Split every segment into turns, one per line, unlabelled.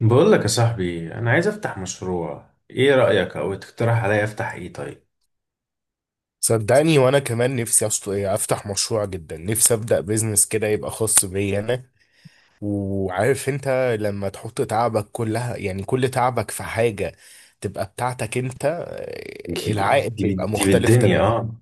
بقول لك يا صاحبي، انا عايز افتح مشروع. ايه رأيك او تقترح عليا افتح ايه؟ طيب.
صدقني، وانا كمان نفسي افتح مشروع. جدا نفسي ابدا بيزنس كده يبقى خاص بيا انا، وعارف انت لما تحط تعبك كلها، يعني كل تعبك في حاجة تبقى بتاعتك انت،
دي
العائد
دي
بيبقى
دي
مختلف
بالدنيا،
تماما.
اه.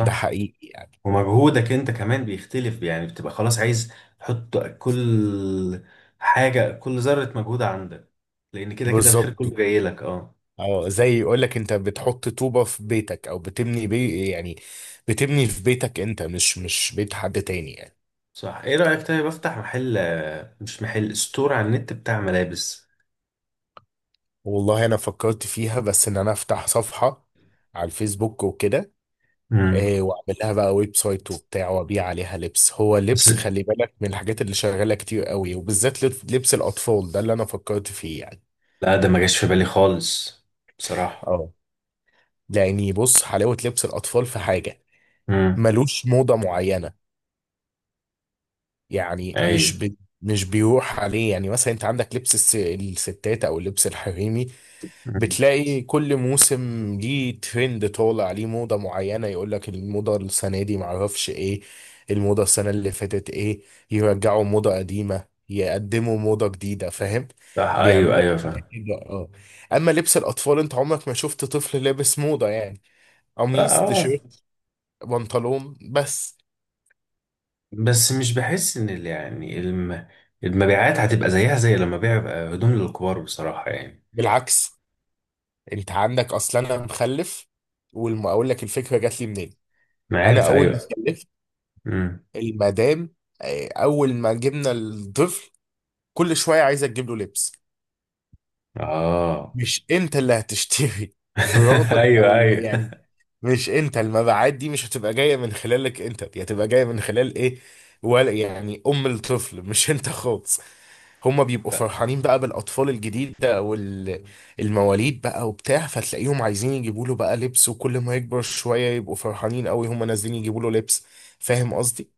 ده حقيقي يعني.
ومجهودك انت كمان بيختلف، يعني بتبقى خلاص عايز تحط كل حاجة، كل ذرة مجهود عندك، لان كده كده الخير كله
بالظبط.
جاي لك. اه.
اه زي يقول لك انت بتحط طوبة في بيتك او بتبني بي يعني بتبني في بيتك انت، مش بيت حد تاني يعني.
صح. ايه رأيك طيب افتح محل، مش محل، ستور على النت بتاع ملابس.
والله انا فكرت فيها، بس ان انا افتح صفحة على الفيسبوك وكده.
امم.
إيه، واعمل لها بقى ويب سايت وبتاع، وابيع عليها لبس. هو
بس
اللبس خلي بالك من الحاجات اللي شغاله كتير قوي، وبالذات لبس الاطفال، ده اللي انا فكرت فيه يعني.
لا، ده ما جاش في بالي خالص بصراحة.
اه لاني بص حلاوه لبس الاطفال في حاجه
امم.
ملوش موضه معينه. يعني
ايوه.
مش مش بيروح عليه. يعني مثلا انت عندك لبس الستات او اللبس الحريمي،
مم.
بتلاقي كل موسم ليه ترند طالع، ليه موضة معينة. يقول لك الموضة السنة دي معرفش ايه، الموضة السنة اللي فاتت ايه. يرجعوا موضة قديمة، يقدموا موضة جديدة، فاهم؟
صح، ايوه،
بيعملوا
ايوه،
حاجات
فاهم.
كده. اه اما لبس الاطفال انت عمرك ما شفت طفل لابس موضة يعني. قميص،
اه، آه.
تيشيرت، بنطلون بس.
بس مش بحس ان يعني المبيعات هتبقى زيها زي لما بيع بقى هدوم للكبار بصراحة يعني.
بالعكس، انت عندك اصلا انا مخلف، واقول لك الفكره جات لي منين.
انا
انا
عارف،
اول ما
ايوه.
خلفت
امم.
المدام، اول ما جبنا الطفل كل شويه عايزه تجيب له لبس.
اه.
مش انت اللي هتشتري، مراتك
ايوه،
او
ايوه.
يعني. مش انت، المبيعات دي مش هتبقى جايه من خلالك انت، دي هتبقى جايه من خلال ايه ولا يعني؟ ام الطفل مش انت خالص. هما بيبقوا فرحانين بقى بالاطفال الجديده او المواليد بقى وبتاع، فتلاقيهم عايزين يجيبوا له بقى لبس، وكل ما يكبر شويه يبقوا فرحانين قوي هما نازلين يجيبوا له لبس. فاهم قصدي؟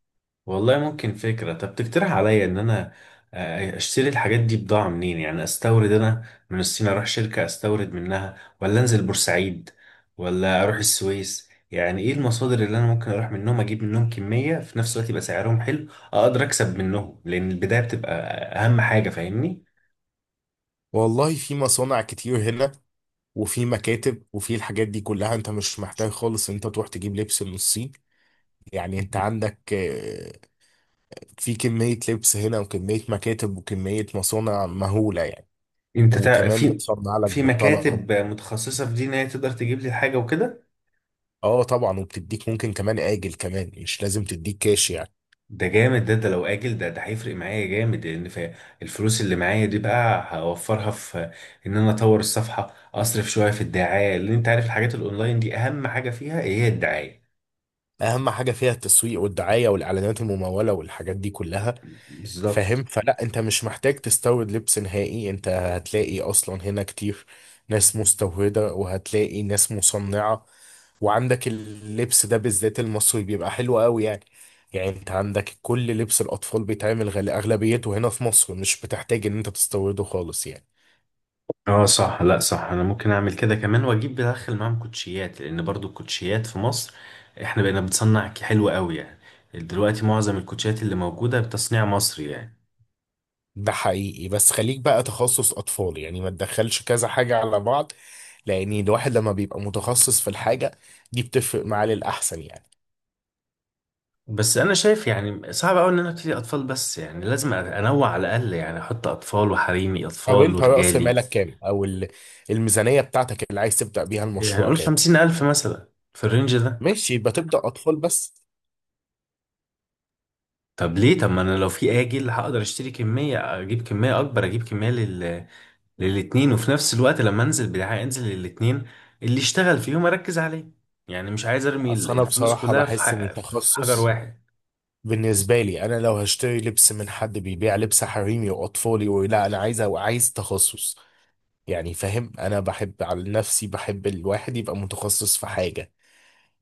والله ممكن فكرة. طب تقترح عليا ان انا اشتري الحاجات دي بضاعة منين؟ يعني استورد انا من الصين، اروح شركة استورد منها، ولا انزل بورسعيد، ولا اروح السويس؟ يعني ايه المصادر اللي انا ممكن اروح منهم اجيب منهم كمية في نفس الوقت يبقى سعرهم حلو اقدر اكسب منهم، لان البداية بتبقى اهم حاجة، فاهمني؟
والله في مصانع كتير هنا، وفي مكاتب، وفي الحاجات دي كلها. انت مش محتاج خالص ان انت تروح تجيب لبس من الصين. يعني انت عندك في كمية لبس هنا، وكمية مكاتب، وكمية مصانع مهولة يعني.
انت
وكمان
في
بتصنع لك
في
بالطلب.
مكاتب متخصصة في دي، ان هي تقدر تجيب لي الحاجة وكده.
اه طبعا، وبتديك ممكن كمان آجل، كمان مش لازم تديك كاش يعني.
ده جامد. ده لو اجل، ده هيفرق معايا جامد، لان في الفلوس اللي معايا دي بقى هوفرها في ان انا اطور الصفحه، اصرف شويه في الدعايه، لان انت عارف الحاجات الاونلاين دي اهم حاجه فيها هي الدعايه.
اهم حاجه فيها التسويق والدعايه والاعلانات المموله والحاجات دي كلها. فاهم؟
بالظبط.
فلا انت مش محتاج تستورد لبس نهائي. انت هتلاقي اصلا هنا كتير ناس مستورده، وهتلاقي ناس مصنعه، وعندك اللبس ده بالذات المصري بيبقى حلو قوي يعني. يعني انت عندك كل لبس الاطفال بيتعمل غالي اغلبيته هنا في مصر، مش بتحتاج ان انت تستورده خالص يعني.
اه، صح. لا، صح، انا ممكن اعمل كده كمان واجيب بدخل معاهم كوتشيات، لان برضو الكوتشيات في مصر احنا بقينا بنصنع حلو قوي يعني. دلوقتي معظم الكوتشيات اللي موجوده بتصنيع مصري يعني.
ده حقيقي، بس خليك بقى تخصص اطفال يعني. ما تدخلش كذا حاجه على بعض، لان الواحد لما بيبقى متخصص في الحاجه دي بتفرق معاه للاحسن يعني.
بس انا شايف يعني صعب قوي ان انا ابتدي اطفال بس، يعني لازم انوع على الاقل، يعني احط اطفال وحريمي،
طب
اطفال
انت راس
ورجالي.
مالك كام، او الميزانيه بتاعتك اللي عايز تبدا بيها
يعني
المشروع
قول
كام؟
50,000 مثلا، في الرينج ده.
ماشي، يبقى تبدا اطفال بس.
طب ليه؟ طب ما انا لو في اجل هقدر اشتري كمية، اجيب كمية اكبر، اجيب كمية للاتنين، وفي نفس الوقت لما انزل بدعاية انزل للاتنين. اللي اشتغل فيهم اركز عليه. يعني مش عايز ارمي
اصل انا
الفلوس
بصراحه
كلها
بحس ان
في حجر
التخصص
واحد.
بالنسبه لي، انا لو هشتري لبس من حد بيبيع لبس حريمي واطفالي ولا انا عايز تخصص؟ يعني فاهم، انا بحب على نفسي بحب الواحد يبقى متخصص في حاجه.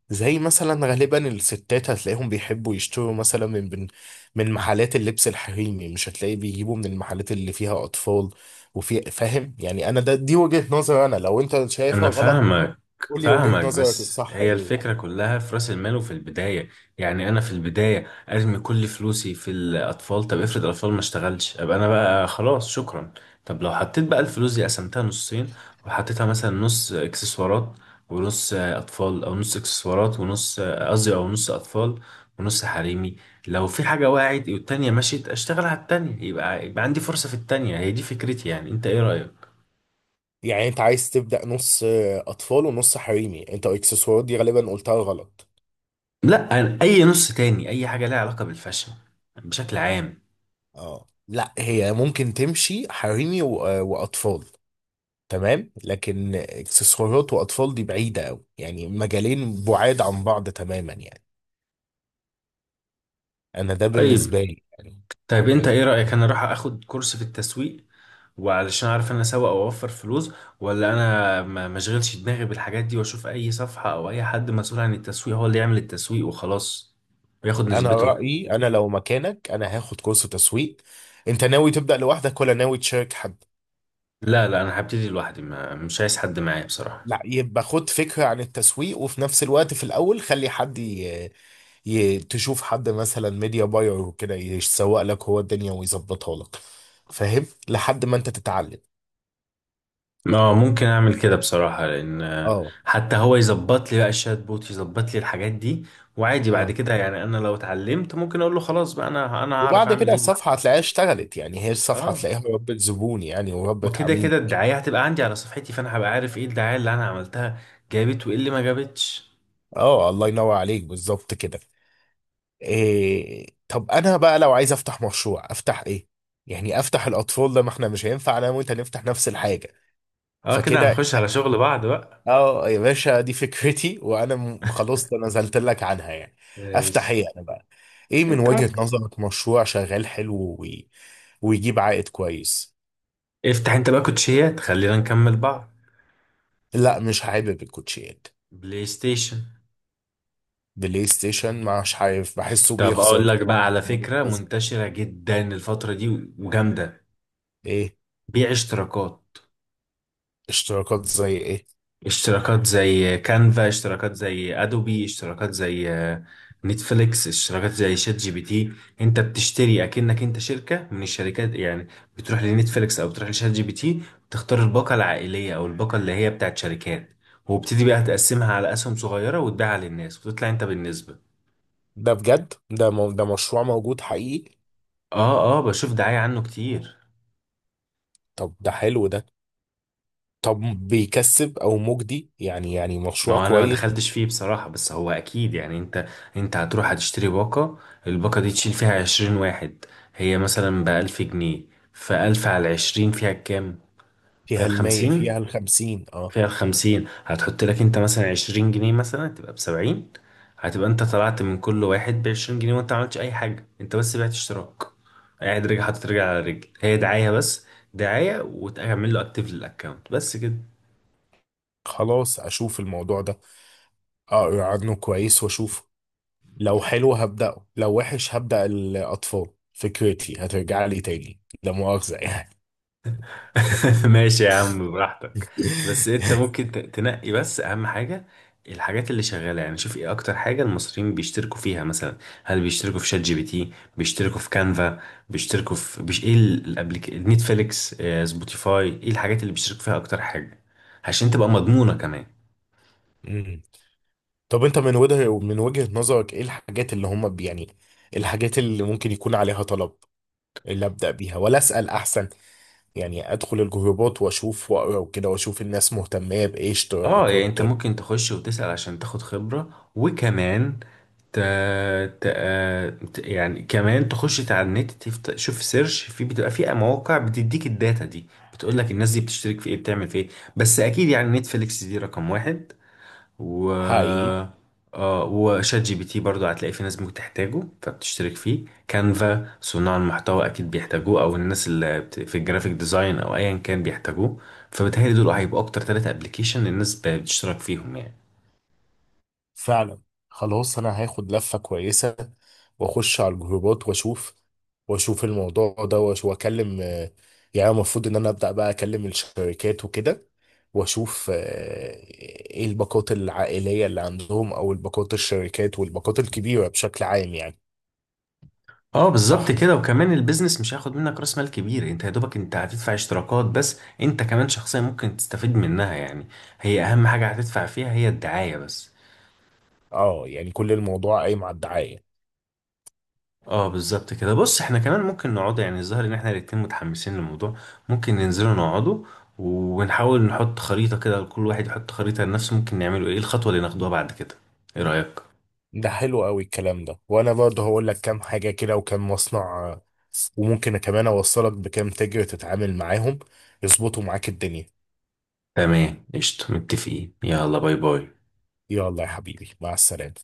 زي مثلا غالبا الستات هتلاقيهم بيحبوا يشتروا مثلا من محلات اللبس الحريمي، مش هتلاقي بيجيبوا من المحلات اللي فيها اطفال. وفي فاهم يعني؟ انا ده دي وجهة نظر، انا لو انت شايفها
أنا
غلط
فاهمك.
قول لي
فاهمك
وجهة نظرك
بس
الصح
هي
ايه يعني.
الفكرة كلها في رأس المال وفي البداية. يعني أنا في البداية أرمي كل فلوسي في الأطفال، طب افرض الأطفال ما اشتغلش، أبقى أنا بقى خلاص شكرا. طب لو حطيت بقى الفلوس دي قسمتها نصين وحطيتها مثلا نص إكسسوارات ونص أطفال، أو نص إكسسوارات ونص، قصدي، أو نص أطفال ونص حريمي. لو في حاجة وقعت والتانية مشيت أشتغل على التانية، يبقى عندي فرصة في التانية. هي دي فكرتي، يعني أنت إيه رأيك؟
يعني انت عايز تبدأ نص اطفال ونص حريمي؟ انت اكسسوارات دي غالبا قلتها غلط.
لا، اي نص تاني اي حاجه لها علاقه بالفاشن بشكل عام.
اه لا، هي ممكن تمشي حريمي واطفال، تمام. لكن اكسسوارات واطفال دي بعيدة قوي يعني، مجالين بعاد عن بعض تماما يعني. انا ده بالنسبه
طيب،
لي يعني.
طيب انت ايه
عجبك.
رايك، انا اروح اخد كورس في التسويق وعلشان اعرف انا اسوق، او اوفر فلوس ولا انا ما اشغلش دماغي بالحاجات دي، واشوف اي صفحه او اي حد مسؤول عن التسويق هو اللي يعمل التسويق وخلاص وياخد
انا
نسبته؟
رايي انا لو مكانك انا هاخد كورس تسويق. انت ناوي تبدا لوحدك ولا ناوي تشارك حد؟
لا، لا، انا هبتدي لوحدي، ما مش عايز حد معايا بصراحه.
لا، يبقى خد فكره عن التسويق، وفي نفس الوقت في الاول خلي حد تشوف حد مثلا ميديا باير وكده يسوق لك هو الدنيا ويظبطها لك. فاهم؟ لحد ما انت تتعلم.
اه، ممكن اعمل كده بصراحة، لان
اه
حتى هو يظبط لي بقى الشات بوت يظبط لي الحاجات دي. وعادي بعد
اه.
كده، يعني انا لو اتعلمت ممكن اقول له خلاص بقى، انا هعرف
وبعد
اعمل
كده
ايه
الصفحه هتلاقيها اشتغلت يعني، هي الصفحه
اه.
هتلاقيها ربت زبون يعني، وربت
وكده
عميل.
كده الدعاية هتبقى عندي على صفحتي، فانا هبقى عارف ايه الدعاية اللي انا عملتها جابت وايه اللي ما جابتش.
اه الله ينور عليك، بالظبط كده. إيه طب انا بقى لو عايز افتح مشروع افتح ايه؟ يعني افتح الاطفال ده؟ ما احنا مش هينفع انا وانت نفتح نفس الحاجه.
اه، كده
فكده
هنخش على شغل بعض بقى.
اه يا باشا دي فكرتي وانا خلاص نزلت لك عنها يعني. افتح
ماشي.
ايه انا بقى؟ ايه من
انت
وجهة
ممكن
نظرك مشروع شغال حلو ويجيب عائد كويس؟
افتح انت بقى كوتشيات، خلينا نكمل بعض.
لا مش حابب الكوتشيات.
بلاي ستيشن.
بلاي ستيشن مش عارف بحسه
طب
بيخسر
اقول
كده،
لك بقى،
بحسه
على
ملوش
فكرة
لازمة.
منتشرة جدا الفترة دي وجامدة:
ايه؟
بيع اشتراكات.
اشتراكات زي ايه؟
اشتراكات زي كانفا، اشتراكات زي ادوبي، اشتراكات زي نتفليكس، اشتراكات زي شات جي بي تي. انت بتشتري اكنك انت شركة من الشركات يعني. بتروح لنتفليكس او بتروح لشات جي بي تي، بتختار الباقة العائلية او الباقة اللي هي بتاعت شركات، وبتدي بقى تقسمها على اسهم صغيرة وتبيعها للناس وتطلع انت بالنسبة.
ده بجد؟ ده ده مشروع موجود حقيقي؟
اه، اه، بشوف دعاية عنه كتير.
طب ده حلو ده. طب بيكسب او مجدي يعني، يعني
ما
مشروع
هو انا ما
كويس؟
دخلتش فيه بصراحة، بس هو اكيد يعني. انت هتروح هتشتري باقة، الباقة دي تشيل فيها 20 واحد، هي مثلا بـ1000 جنيه، فألف على الـ20 فيها كام؟ فيها
فيها 100،
الخمسين
فيها 50. اه
فيها الخمسين هتحط لك انت مثلا 20 جنيه، مثلا تبقى بـ70. هتبقى انت طلعت من كل واحد بـ20 جنيه، وانت ما عملتش اي حاجة، انت بس بعت اشتراك، قاعد رجع حاطط رجل على رجل، هي دعاية بس. دعاية وتعمل له اكتيف للاكونت بس كده.
خلاص، اشوف الموضوع ده، اقرا عنه كويس واشوفه. لو حلو هبدأه، لو وحش هبدأ الاطفال. فكرتي هترجع لي تاني لا مؤاخذة يعني.
ماشي يا عم، براحتك. بس انت ممكن تنقي بس اهم حاجة، الحاجات اللي شغالة يعني. شوف ايه اكتر حاجة المصريين بيشتركوا فيها مثلا، هل بيشتركوا في شات جي بي تي؟ بيشتركوا في كانفا؟ بيشتركوا في ايه الابليك، نتفليكس، سبوتيفاي؟ ايه الحاجات اللي بيشتركوا فيها اكتر حاجة عشان تبقى مضمونة كمان؟
مم. طب انت من وجهة نظرك ايه الحاجات اللي هم يعني الحاجات اللي ممكن يكون عليها طلب، اللي ابدأ بيها؟ ولا اسأل احسن؟ يعني ادخل الجروبات واشوف واقرا وكده، واشوف الناس مهتمه بايه
اه يعني
اشتراكات.
انت ممكن تخش وتسأل عشان تاخد خبرة، وكمان ت... ت... آه، يعني كمان تخش على النت شوف سيرش، في بتبقى في مواقع بتديك الداتا دي، بتقول لك الناس دي بتشترك في ايه بتعمل في ايه. بس اكيد يعني، نتفليكس دي رقم واحد، و...
حقيقي.
اه، وشات جي بي تي برضو هتلاقي في ناس ممكن تحتاجه فبتشترك فيه. كانفا صناع المحتوى اكيد بيحتاجوه، او الناس اللي في الجرافيك ديزاين او ايا كان بيحتاجوه. فبتهيألي دول هيبقوا اكتر 3 ابلكيشن الناس بتشترك فيهم يعني.
فعلا. خلاص انا هاخد لفه كويسه، واخش على الجروبات واشوف، واشوف الموضوع ده واكلم يعني المفروض ان انا ابدا بقى اكلم الشركات وكده، واشوف ايه الباقات العائليه اللي عندهم، او الباقات الشركات والباقات الكبيره بشكل عام يعني.
اه بالظبط
صح كده.
كده، وكمان البيزنس مش هياخد منك راس مال كبير، انت يا دوبك انت هتدفع اشتراكات بس، انت كمان شخصيا ممكن تستفيد منها يعني. هي اهم حاجة هتدفع فيها هي الدعاية بس.
اه يعني كل الموضوع قايم على الدعايه.
اه بالظبط كده. بص احنا كمان ممكن نقعد، يعني الظاهر ان احنا الاتنين متحمسين للموضوع، ممكن ننزلوا نقعدوا ونحاول نحط خريطة كده، كل واحد يحط خريطة لنفسه ممكن نعمله، ايه الخطوة اللي ناخدوها بعد كده؟ ايه رأيك؟
ده حلو قوي الكلام ده، وانا برضه هقول لك كام حاجه كده وكام مصنع، آه، وممكن كمان اوصلك بكام تاجر تتعامل معاهم يظبطوا معاك الدنيا.
تمام، قشطة، متفقين. يلا باي باي.
يلا يا حبيبي، مع السلامه.